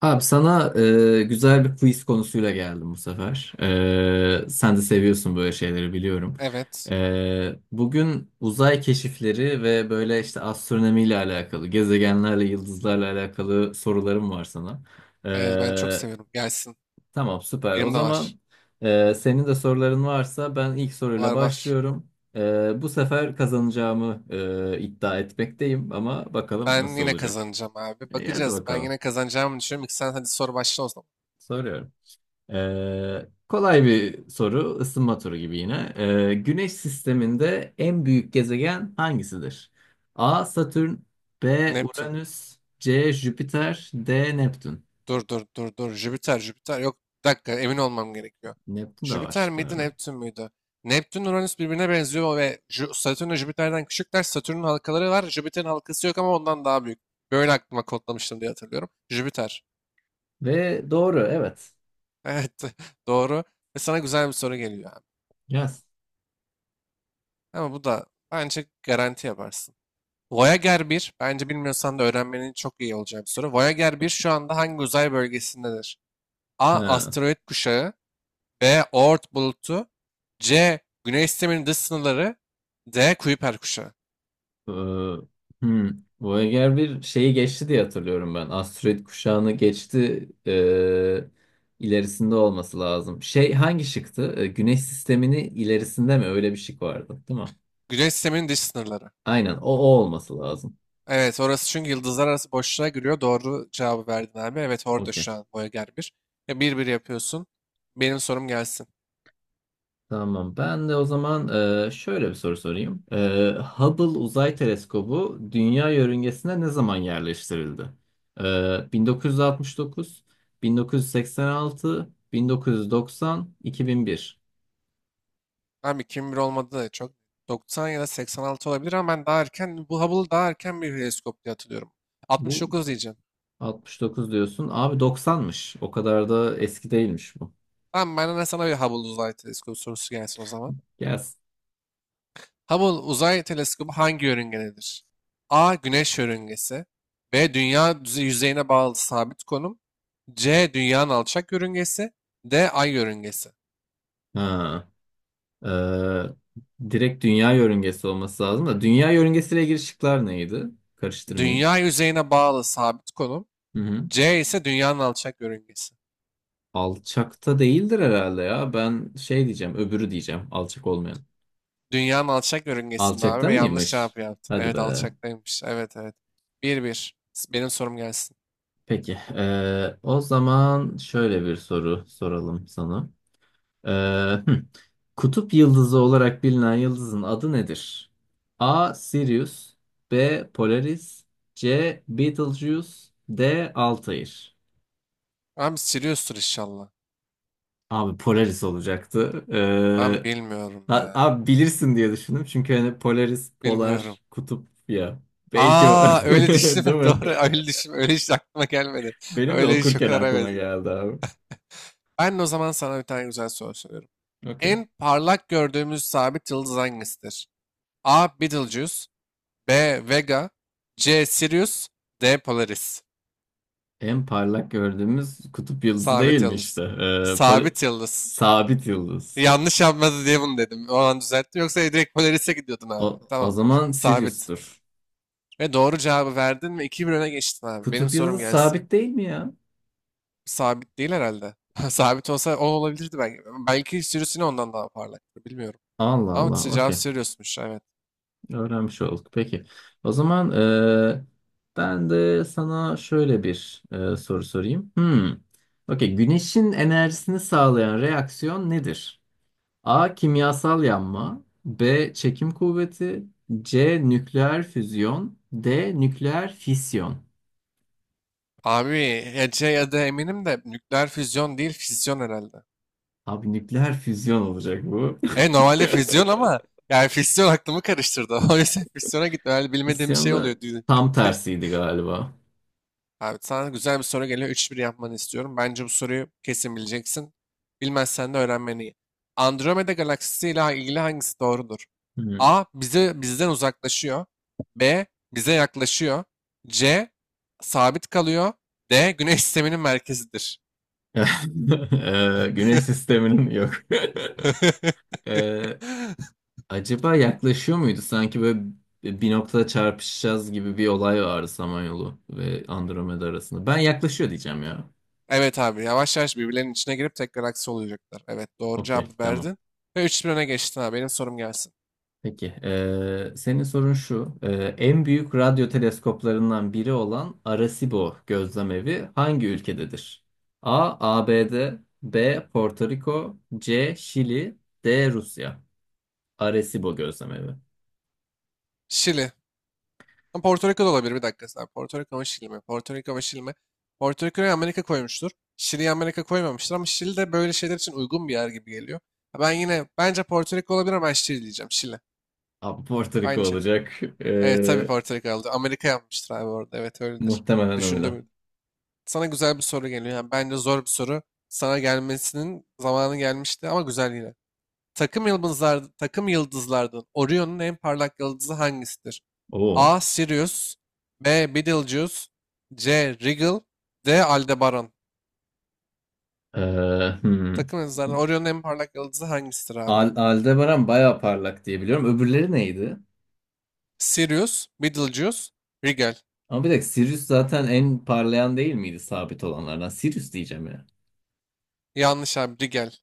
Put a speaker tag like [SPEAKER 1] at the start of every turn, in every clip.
[SPEAKER 1] Abi sana güzel bir quiz konusuyla geldim bu sefer. Sen de seviyorsun böyle şeyleri biliyorum.
[SPEAKER 2] Evet.
[SPEAKER 1] Bugün uzay keşifleri ve böyle işte astronomiyle alakalı, gezegenlerle, yıldızlarla alakalı sorularım var sana.
[SPEAKER 2] Evet ben çok
[SPEAKER 1] E,
[SPEAKER 2] seviyorum. Gelsin.
[SPEAKER 1] tamam, süper. O
[SPEAKER 2] Benim de var.
[SPEAKER 1] zaman senin de soruların varsa ben ilk
[SPEAKER 2] Var
[SPEAKER 1] soruyla
[SPEAKER 2] var.
[SPEAKER 1] başlıyorum. Bu sefer kazanacağımı iddia etmekteyim ama bakalım
[SPEAKER 2] Ben
[SPEAKER 1] nasıl
[SPEAKER 2] yine
[SPEAKER 1] olacak.
[SPEAKER 2] kazanacağım abi.
[SPEAKER 1] Hadi
[SPEAKER 2] Bakacağız. Ben
[SPEAKER 1] bakalım.
[SPEAKER 2] yine kazanacağımı düşünüyorum. İki sen hadi soru başla o zaman.
[SPEAKER 1] Soruyorum. Kolay bir soru, ısınma turu gibi yine. Güneş sisteminde en büyük gezegen hangisidir? A. Satürn, B.
[SPEAKER 2] Neptün.
[SPEAKER 1] Uranüs, C. Jüpiter, D. Neptün.
[SPEAKER 2] Dur dur dur dur. Jüpiter Jüpiter. Yok bir dakika emin olmam gerekiyor.
[SPEAKER 1] Neptün de var
[SPEAKER 2] Jüpiter miydi
[SPEAKER 1] şıklarda.
[SPEAKER 2] Neptün müydü? Neptün Uranüs birbirine benziyor ve Satürn ve Jüpiter'den küçükler. Satürn'ün halkaları var. Jüpiter'in halkası yok ama ondan daha büyük. Böyle aklıma kodlamıştım diye hatırlıyorum. Jüpiter.
[SPEAKER 1] Ve doğru, evet.
[SPEAKER 2] Evet, doğru. Ve sana güzel bir soru geliyor abi.
[SPEAKER 1] Yaz.
[SPEAKER 2] Ama bu da bence garanti yaparsın. Voyager bir bence bilmiyorsan da öğrenmenin çok iyi olacağı bir soru. Voyager bir şu anda hangi uzay bölgesindedir? A. Asteroid kuşağı. B. Oort bulutu. C. Güneş sisteminin dış sınırları. D. Kuiper kuşağı.
[SPEAKER 1] Ee, hmm. Voyager bir şeyi geçti diye hatırlıyorum ben. Asteroid kuşağını geçti. İlerisinde olması lazım. Şey, hangi şıktı? Güneş sistemini ilerisinde mi? Öyle bir şık vardı, değil mi?
[SPEAKER 2] Güneş sisteminin dış sınırları.
[SPEAKER 1] Aynen, o olması lazım.
[SPEAKER 2] Evet, orası çünkü yıldızlar arası boşluğa giriyor. Doğru cevabı verdin abi. Evet, orada
[SPEAKER 1] Okey.
[SPEAKER 2] şu an Voyager bir. Ya bir bir yapıyorsun. Benim sorum gelsin.
[SPEAKER 1] Tamam. Ben de o zaman şöyle bir soru sorayım. Hubble Uzay Teleskobu Dünya yörüngesine ne zaman yerleştirildi? 1969, 1986, 1990, 2001.
[SPEAKER 2] Abi 2001 olmadı da çok. 90 ya da 86 olabilir ama ben daha erken, bu Hubble'ı daha erken bir teleskop diye hatırlıyorum.
[SPEAKER 1] Bu,
[SPEAKER 2] 69 diyeceğim.
[SPEAKER 1] 69 diyorsun. Abi, 90'mış. O kadar da eski değilmiş bu.
[SPEAKER 2] Tamam, ben de sana bir Hubble uzay teleskobu sorusu gelsin o zaman.
[SPEAKER 1] Gelsin.
[SPEAKER 2] Hubble uzay teleskobu hangi yörüngededir? A. Güneş yörüngesi. B. Dünya yüzeyine bağlı sabit konum. C. Dünyanın alçak yörüngesi. D. Ay yörüngesi.
[SPEAKER 1] Ha. Ee, Direkt dünya yörüngesi olması lazım da. Dünya yörüngesiyle ilgili şıklar neydi? Karıştırmayayım.
[SPEAKER 2] Dünya yüzeyine bağlı sabit konum.
[SPEAKER 1] Hı hı.
[SPEAKER 2] C ise dünyanın alçak yörüngesi.
[SPEAKER 1] Alçakta değildir herhalde ya. Ben şey diyeceğim. Öbürü diyeceğim. Alçak olmayan.
[SPEAKER 2] Dünyanın alçak yörüngesinde abi
[SPEAKER 1] Alçakta
[SPEAKER 2] ve yanlış
[SPEAKER 1] mıymış?
[SPEAKER 2] cevap yaptın.
[SPEAKER 1] Hadi
[SPEAKER 2] Evet,
[SPEAKER 1] be.
[SPEAKER 2] alçaktaymış. Evet, evet. Bir bir. Benim sorum gelsin.
[SPEAKER 1] Peki. O zaman şöyle bir soru soralım sana. Ee, hmm. Kutup yıldızı olarak bilinen yıldızın adı nedir? A. Sirius, B. Polaris, C. Betelgeuse, D. Altair.
[SPEAKER 2] Abi Sirius'tur inşallah.
[SPEAKER 1] Abi, Polaris olacaktı.
[SPEAKER 2] Ben bilmiyorum ya.
[SPEAKER 1] Abi, bilirsin diye düşündüm. Çünkü hani Polaris,
[SPEAKER 2] Bilmiyorum.
[SPEAKER 1] polar, kutup ya. Belki o.
[SPEAKER 2] Aa, öyle
[SPEAKER 1] Değil
[SPEAKER 2] düşünme.
[SPEAKER 1] mi?
[SPEAKER 2] Doğru, öyle düşünme. Öyle hiç aklıma gelmedi.
[SPEAKER 1] Benim de
[SPEAKER 2] Öyle hiç o
[SPEAKER 1] okurken
[SPEAKER 2] kadar,
[SPEAKER 1] aklıma
[SPEAKER 2] evet.
[SPEAKER 1] geldi abi.
[SPEAKER 2] Ben de o zaman sana bir tane güzel soru soruyorum.
[SPEAKER 1] Okey.
[SPEAKER 2] En parlak gördüğümüz sabit yıldız hangisidir? A. Betelgeuse. B. Vega. C. Sirius. D. Polaris.
[SPEAKER 1] En parlak gördüğümüz kutup yıldızı değil
[SPEAKER 2] Sabit
[SPEAKER 1] mi işte?
[SPEAKER 2] yıldız. Sabit yıldız.
[SPEAKER 1] Sabit yıldız.
[SPEAKER 2] Yanlış yapmadı diye bunu dedim. O an düzelttim. Yoksa direkt Polaris'e gidiyordun abi.
[SPEAKER 1] O
[SPEAKER 2] Tamam.
[SPEAKER 1] zaman
[SPEAKER 2] Sabit.
[SPEAKER 1] Sirius'tur.
[SPEAKER 2] Ve doğru cevabı verdin ve 2-1 öne geçtin abi. Benim
[SPEAKER 1] Kutup yıldızı
[SPEAKER 2] sorum gelsin.
[SPEAKER 1] sabit değil mi ya?
[SPEAKER 2] Sabit değil herhalde. Sabit olsa o olabilirdi belki. Belki sürüsünü ondan daha parlaktı. Bilmiyorum.
[SPEAKER 1] Allah
[SPEAKER 2] Ama
[SPEAKER 1] Allah.
[SPEAKER 2] işte cevap
[SPEAKER 1] Okey.
[SPEAKER 2] sürüyorsunmuş. Evet.
[SPEAKER 1] Öğrenmiş olduk. Peki. O zaman ben de sana şöyle bir soru sorayım. Hmm. Okey. Güneşin enerjisini sağlayan reaksiyon nedir? A. Kimyasal yanma. B. Çekim kuvveti. C. Nükleer füzyon. D. Nükleer fisyon.
[SPEAKER 2] Abi Ece ya da eminim de nükleer füzyon değil, fisyon herhalde.
[SPEAKER 1] Abi, nükleer füzyon olacak bu.
[SPEAKER 2] E, normalde füzyon ama yani fisyon aklımı karıştırdı. O yüzden fisyona gittim. Herhalde bilmediğim bir
[SPEAKER 1] Fisyon
[SPEAKER 2] şey
[SPEAKER 1] da
[SPEAKER 2] oluyor düğünde.
[SPEAKER 1] tam tersiydi galiba.
[SPEAKER 2] Abi sana güzel bir soru geliyor. 3-1 yapmanı istiyorum. Bence bu soruyu kesin bileceksin. Bilmezsen de öğrenmen iyi. Andromeda galaksisi ile ilgili hangisi doğrudur?
[SPEAKER 1] Hı.
[SPEAKER 2] A. Bizden uzaklaşıyor. B. Bize yaklaşıyor. C. Sabit kalıyor. D. Güneş sisteminin merkezidir.
[SPEAKER 1] Güneş sisteminin yok. Eee, Acaba yaklaşıyor muydu? Sanki böyle bir noktada çarpışacağız gibi bir olay vardı Samanyolu ve Andromeda arasında. Ben yaklaşıyor diyeceğim ya.
[SPEAKER 2] Evet abi, yavaş yavaş birbirlerinin içine girip tek galaksi olacaklar. Evet, doğru
[SPEAKER 1] Okey,
[SPEAKER 2] cevabı
[SPEAKER 1] tamam.
[SPEAKER 2] verdin. Ve üç 1 öne geçtin abi. Benim sorum gelsin.
[SPEAKER 1] Peki, senin sorun şu. En büyük radyo teleskoplarından biri olan Arecibo gözlemevi hangi ülkededir? A. ABD, B. Porto Rico, C. Şili, D. Rusya. Arecibo gözlemevi.
[SPEAKER 2] Şili. Ama Porto Rico da olabilir, bir dakika sen. Porto Rico ama Şili mi? Porto Rico ama Şili mi? Porto Rico'yu Amerika koymuştur. Şili'yi Amerika koymamıştır ama Şili de böyle şeyler için uygun bir yer gibi geliyor. Ha, ben yine bence Porto Rico olabilir ama ben Şili diyeceğim. Şili.
[SPEAKER 1] Abi, Porto Rico
[SPEAKER 2] Aynı içerik.
[SPEAKER 1] olacak.
[SPEAKER 2] Evet tabii,
[SPEAKER 1] Ee,
[SPEAKER 2] Porto Rico aldı. Amerika yapmıştır abi orada. Evet öyledir.
[SPEAKER 1] Muhtemelen öyle.
[SPEAKER 2] Düşündüm. Sana güzel bir soru geliyor. Yani bence zor bir soru. Sana gelmesinin zamanı gelmişti ama güzel yine. Takım yıldızlardan Orion'un en parlak yıldızı hangisidir?
[SPEAKER 1] Oo.
[SPEAKER 2] A. Sirius. B. Betelgeuse. C. Rigel. D. Aldebaran.
[SPEAKER 1] Ee, hmm.
[SPEAKER 2] Takım yıldızlarından Orion'un en parlak yıldızı hangisidir abi?
[SPEAKER 1] Aldebaran bayağı parlak diye biliyorum. Öbürleri neydi?
[SPEAKER 2] Sirius, Betelgeuse, Rigel.
[SPEAKER 1] Ama bir dakika, Sirius zaten en parlayan değil miydi sabit olanlardan? Sirius diyeceğim ya.
[SPEAKER 2] Yanlış abi, Rigel.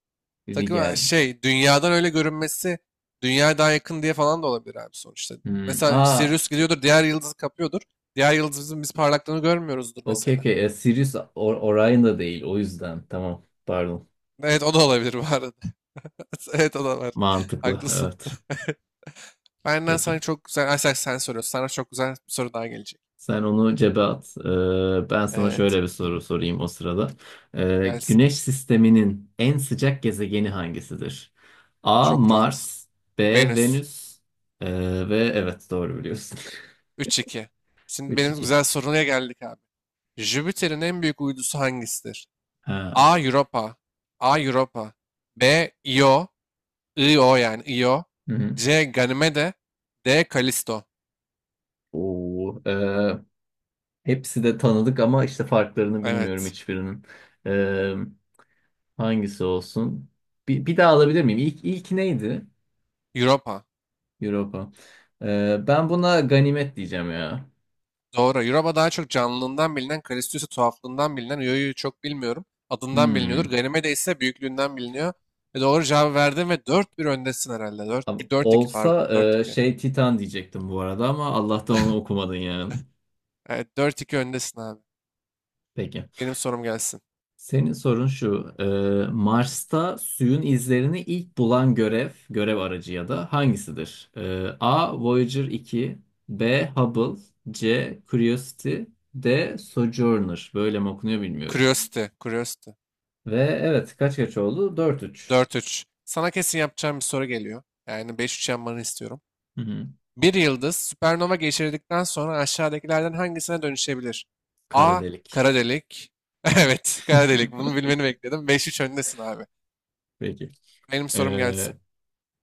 [SPEAKER 2] Takım
[SPEAKER 1] Rigel.
[SPEAKER 2] şey, dünyadan öyle görünmesi, dünyaya daha yakın diye falan da olabilir abi sonuçta.
[SPEAKER 1] Hmm.
[SPEAKER 2] Mesela
[SPEAKER 1] Aa,
[SPEAKER 2] Sirius gidiyordur, diğer yıldızı kapıyordur. Diğer yıldızımızın biz parlaklığını görmüyoruzdur
[SPEAKER 1] okey,
[SPEAKER 2] mesela.
[SPEAKER 1] okey. Sirius Orion da değil. O yüzden. Tamam. Pardon.
[SPEAKER 2] Evet, o da olabilir bu arada. Evet, o da var.
[SPEAKER 1] Mantıklı,
[SPEAKER 2] Haklısın.
[SPEAKER 1] evet.
[SPEAKER 2] Benden sana
[SPEAKER 1] Peki.
[SPEAKER 2] çok güzel, Ay, sen soruyorsun. Sana çok güzel bir soru daha gelecek.
[SPEAKER 1] Sen onu cebe at. Ben sana
[SPEAKER 2] Evet,
[SPEAKER 1] şöyle bir soru sorayım o sırada.
[SPEAKER 2] gelsin.
[SPEAKER 1] Güneş sisteminin en sıcak gezegeni hangisidir? A.
[SPEAKER 2] Çok rahat.
[SPEAKER 1] Mars, B.
[SPEAKER 2] Venüs.
[SPEAKER 1] Venüs. Ve evet, doğru biliyorsun.
[SPEAKER 2] 3-2. Şimdi benim
[SPEAKER 1] 3-2.
[SPEAKER 2] güzel soruya geldik abi. Jüpiter'in en büyük uydusu hangisidir?
[SPEAKER 1] Ha.
[SPEAKER 2] A. Europa. A. Europa. B. Io. Io yani Io.
[SPEAKER 1] Hı hı.
[SPEAKER 2] C. Ganymede. D. Kalisto.
[SPEAKER 1] Oo, hepsi de tanıdık ama işte farklarını bilmiyorum
[SPEAKER 2] Evet.
[SPEAKER 1] hiçbirinin. Ee, Hangisi olsun? Bir daha alabilir miyim? İlk neydi?
[SPEAKER 2] Europa.
[SPEAKER 1] Europa. Ben buna ganimet diyeceğim ya.
[SPEAKER 2] Doğru. Europa daha çok canlılığından bilinen, Kalistius'u tuhaflığından bilinen, Ioiu'yu çok bilmiyorum. Adından biliniyordur.
[SPEAKER 1] Hmm.
[SPEAKER 2] Ganymede ise büyüklüğünden biliniyor. Ve doğru cevabı verdin ve 4-1 öndesin herhalde. Dört iki
[SPEAKER 1] Olsa
[SPEAKER 2] pardon. dört iki.
[SPEAKER 1] şey, Titan diyecektim bu arada ama Allah'tan onu okumadın yani.
[SPEAKER 2] Evet, 4-2 öndesin abi.
[SPEAKER 1] Peki.
[SPEAKER 2] Benim sorum gelsin.
[SPEAKER 1] Senin sorun şu. Mars'ta suyun izlerini ilk bulan görev aracı ya da hangisidir? E, A. Voyager 2, B. Hubble, C. Curiosity, D. Sojourner. Böyle mi okunuyor, bilmiyorum.
[SPEAKER 2] Curiosity. Curiosity.
[SPEAKER 1] Ve evet, kaç kaç oldu? 4-3.
[SPEAKER 2] 4-3. Sana kesin yapacağım bir soru geliyor. Yani 5-3 yapmanı istiyorum.
[SPEAKER 1] Hı hı.
[SPEAKER 2] Bir yıldız süpernova geçirdikten sonra aşağıdakilerden hangisine dönüşebilir?
[SPEAKER 1] Kara
[SPEAKER 2] A.
[SPEAKER 1] delik.
[SPEAKER 2] Kara delik. Evet, kara delik. Bunu bilmeni bekledim. 5-3 öndesin abi.
[SPEAKER 1] Peki.
[SPEAKER 2] Benim sorum
[SPEAKER 1] Ee,
[SPEAKER 2] gelsin.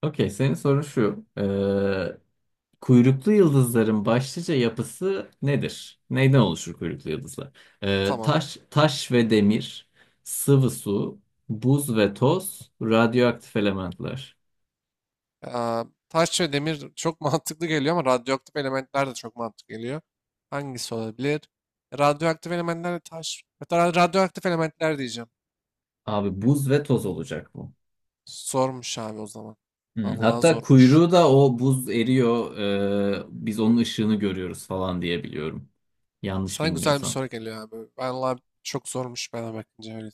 [SPEAKER 1] okey, senin sorun şu. Kuyruklu yıldızların başlıca yapısı nedir? Neyden oluşur kuyruklu yıldızlar?
[SPEAKER 2] Tamam.
[SPEAKER 1] Taş ve demir, sıvı su, buz ve toz, radyoaktif elementler.
[SPEAKER 2] Aa, taş ve demir çok mantıklı geliyor ama radyoaktif elementler de çok mantıklı geliyor. Hangisi olabilir? Radyoaktif elementler de taş. Hatta radyoaktif elementler diyeceğim.
[SPEAKER 1] Abi, buz ve toz olacak bu.
[SPEAKER 2] Zormuş abi o zaman.
[SPEAKER 1] Hmm,
[SPEAKER 2] Vallahi
[SPEAKER 1] hatta
[SPEAKER 2] zormuş.
[SPEAKER 1] kuyruğu da o buz eriyor, biz onun ışığını görüyoruz falan diye biliyorum. Yanlış
[SPEAKER 2] Sana güzel bir
[SPEAKER 1] bilmiyorsam.
[SPEAKER 2] soru geliyor abi. Vallahi çok zormuş bana bakınca öyle.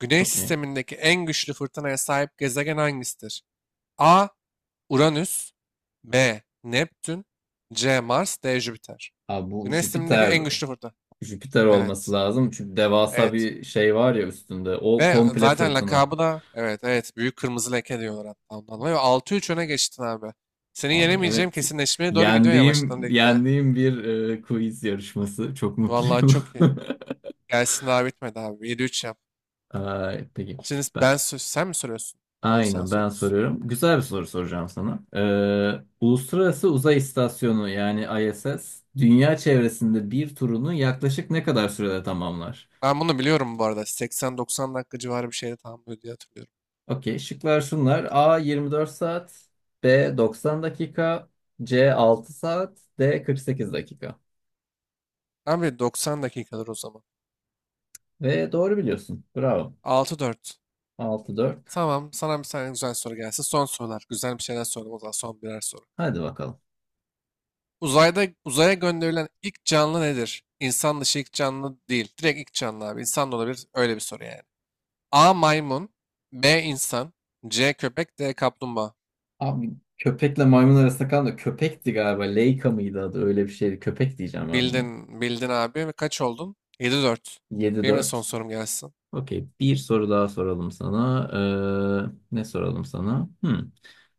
[SPEAKER 2] Güney
[SPEAKER 1] Okey.
[SPEAKER 2] sistemindeki en güçlü fırtınaya sahip gezegen hangisidir? A. Uranüs. B. Neptün. C. Mars. D. Jüpiter.
[SPEAKER 1] Abi, bu
[SPEAKER 2] Güneş sistemindeki
[SPEAKER 1] Jüpiter.
[SPEAKER 2] en güçlü fırtına.
[SPEAKER 1] Jüpiter olması
[SPEAKER 2] Evet.
[SPEAKER 1] lazım. Çünkü devasa
[SPEAKER 2] Evet.
[SPEAKER 1] bir şey var ya üstünde. O
[SPEAKER 2] Ve
[SPEAKER 1] komple
[SPEAKER 2] zaten
[SPEAKER 1] fırtına.
[SPEAKER 2] lakabı da, evet evet, büyük kırmızı leke diyorlar hatta ondan dolayı. Ve 6-3 öne geçtin abi. Seni
[SPEAKER 1] Abi,
[SPEAKER 2] yenemeyeceğim
[SPEAKER 1] evet.
[SPEAKER 2] kesinleşmeye doğru gidiyor yavaştan
[SPEAKER 1] Yendiğim,
[SPEAKER 2] lig gel.
[SPEAKER 1] yendiğim bir quiz yarışması. Çok
[SPEAKER 2] Vallahi
[SPEAKER 1] mutluyum.
[SPEAKER 2] çok iyi. Gelsin, daha bitmedi abi. 7-3 yap.
[SPEAKER 1] Ay, peki.
[SPEAKER 2] Şimdi
[SPEAKER 1] Ben,
[SPEAKER 2] sen mi soruyorsun? Doğru, sen
[SPEAKER 1] aynen, ben
[SPEAKER 2] soruyorsun.
[SPEAKER 1] soruyorum. Güzel bir soru soracağım sana. Uluslararası Uzay İstasyonu, yani ISS, dünya çevresinde bir turunu yaklaşık ne kadar sürede tamamlar?
[SPEAKER 2] Ben bunu biliyorum bu arada. 80-90 dakika civarı bir şeyde tamamlıyor diye hatırlıyorum.
[SPEAKER 1] Okey. Şıklar şunlar. A 24 saat, B 90 dakika, C 6 saat, D 48 dakika.
[SPEAKER 2] Abi doksan dakikadır o zaman.
[SPEAKER 1] Ve doğru biliyorsun. Bravo.
[SPEAKER 2] 6-4.
[SPEAKER 1] 6-4.
[SPEAKER 2] Tamam, sana bir tane güzel soru gelsin. Son sorular. Güzel bir şeyler soralım o zaman son birer soru.
[SPEAKER 1] Hadi bakalım.
[SPEAKER 2] Uzaya gönderilen ilk canlı nedir? İnsan dışı ilk canlı değil. Direkt ilk canlı abi. İnsan da olabilir. Öyle bir soru yani. A. Maymun. B. insan. C. Köpek. D. Kaplumbağa.
[SPEAKER 1] Abi, köpekle maymun arasında kalan da köpekti galiba. Leica mıydı adı? Öyle bir şeydi. Köpek diyeceğim ben buna.
[SPEAKER 2] Bildin. Bildin abi. Ve kaç oldun? 7-4. Benim de son
[SPEAKER 1] 7-4.
[SPEAKER 2] sorum gelsin.
[SPEAKER 1] Okey. Bir soru daha soralım sana. Ne soralım sana? Hmm.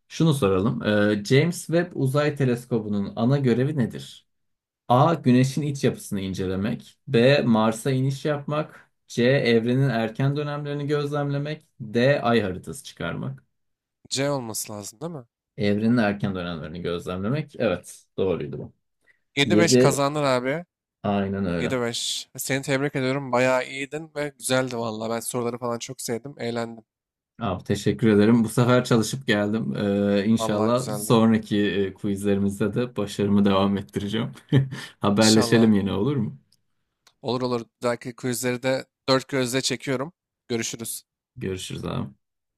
[SPEAKER 1] Şunu soralım. James Webb Uzay Teleskobu'nun ana görevi nedir? A. Güneşin iç yapısını incelemek. B. Mars'a iniş yapmak. C. Evrenin erken dönemlerini gözlemlemek. D. Ay haritası çıkarmak.
[SPEAKER 2] C olması lazım değil mi?
[SPEAKER 1] Evrenin erken dönemlerini gözlemlemek. Evet, doğruydu bu.
[SPEAKER 2] 7-5
[SPEAKER 1] 7
[SPEAKER 2] kazandın abi.
[SPEAKER 1] Aynen öyle.
[SPEAKER 2] 7-5. Seni tebrik ediyorum. Bayağı iyiydin ve güzeldi vallahi. Ben soruları falan çok sevdim. Eğlendim.
[SPEAKER 1] Abi, teşekkür ederim. Bu sefer çalışıp geldim.
[SPEAKER 2] Vallahi
[SPEAKER 1] İnşallah,
[SPEAKER 2] güzeldi.
[SPEAKER 1] sonraki quizlerimizde de başarımı devam ettireceğim.
[SPEAKER 2] İnşallah.
[SPEAKER 1] Haberleşelim yine, olur mu?
[SPEAKER 2] Olur olur. Bir dahaki quizleri de dört gözle çekiyorum. Görüşürüz.
[SPEAKER 1] Görüşürüz, abi.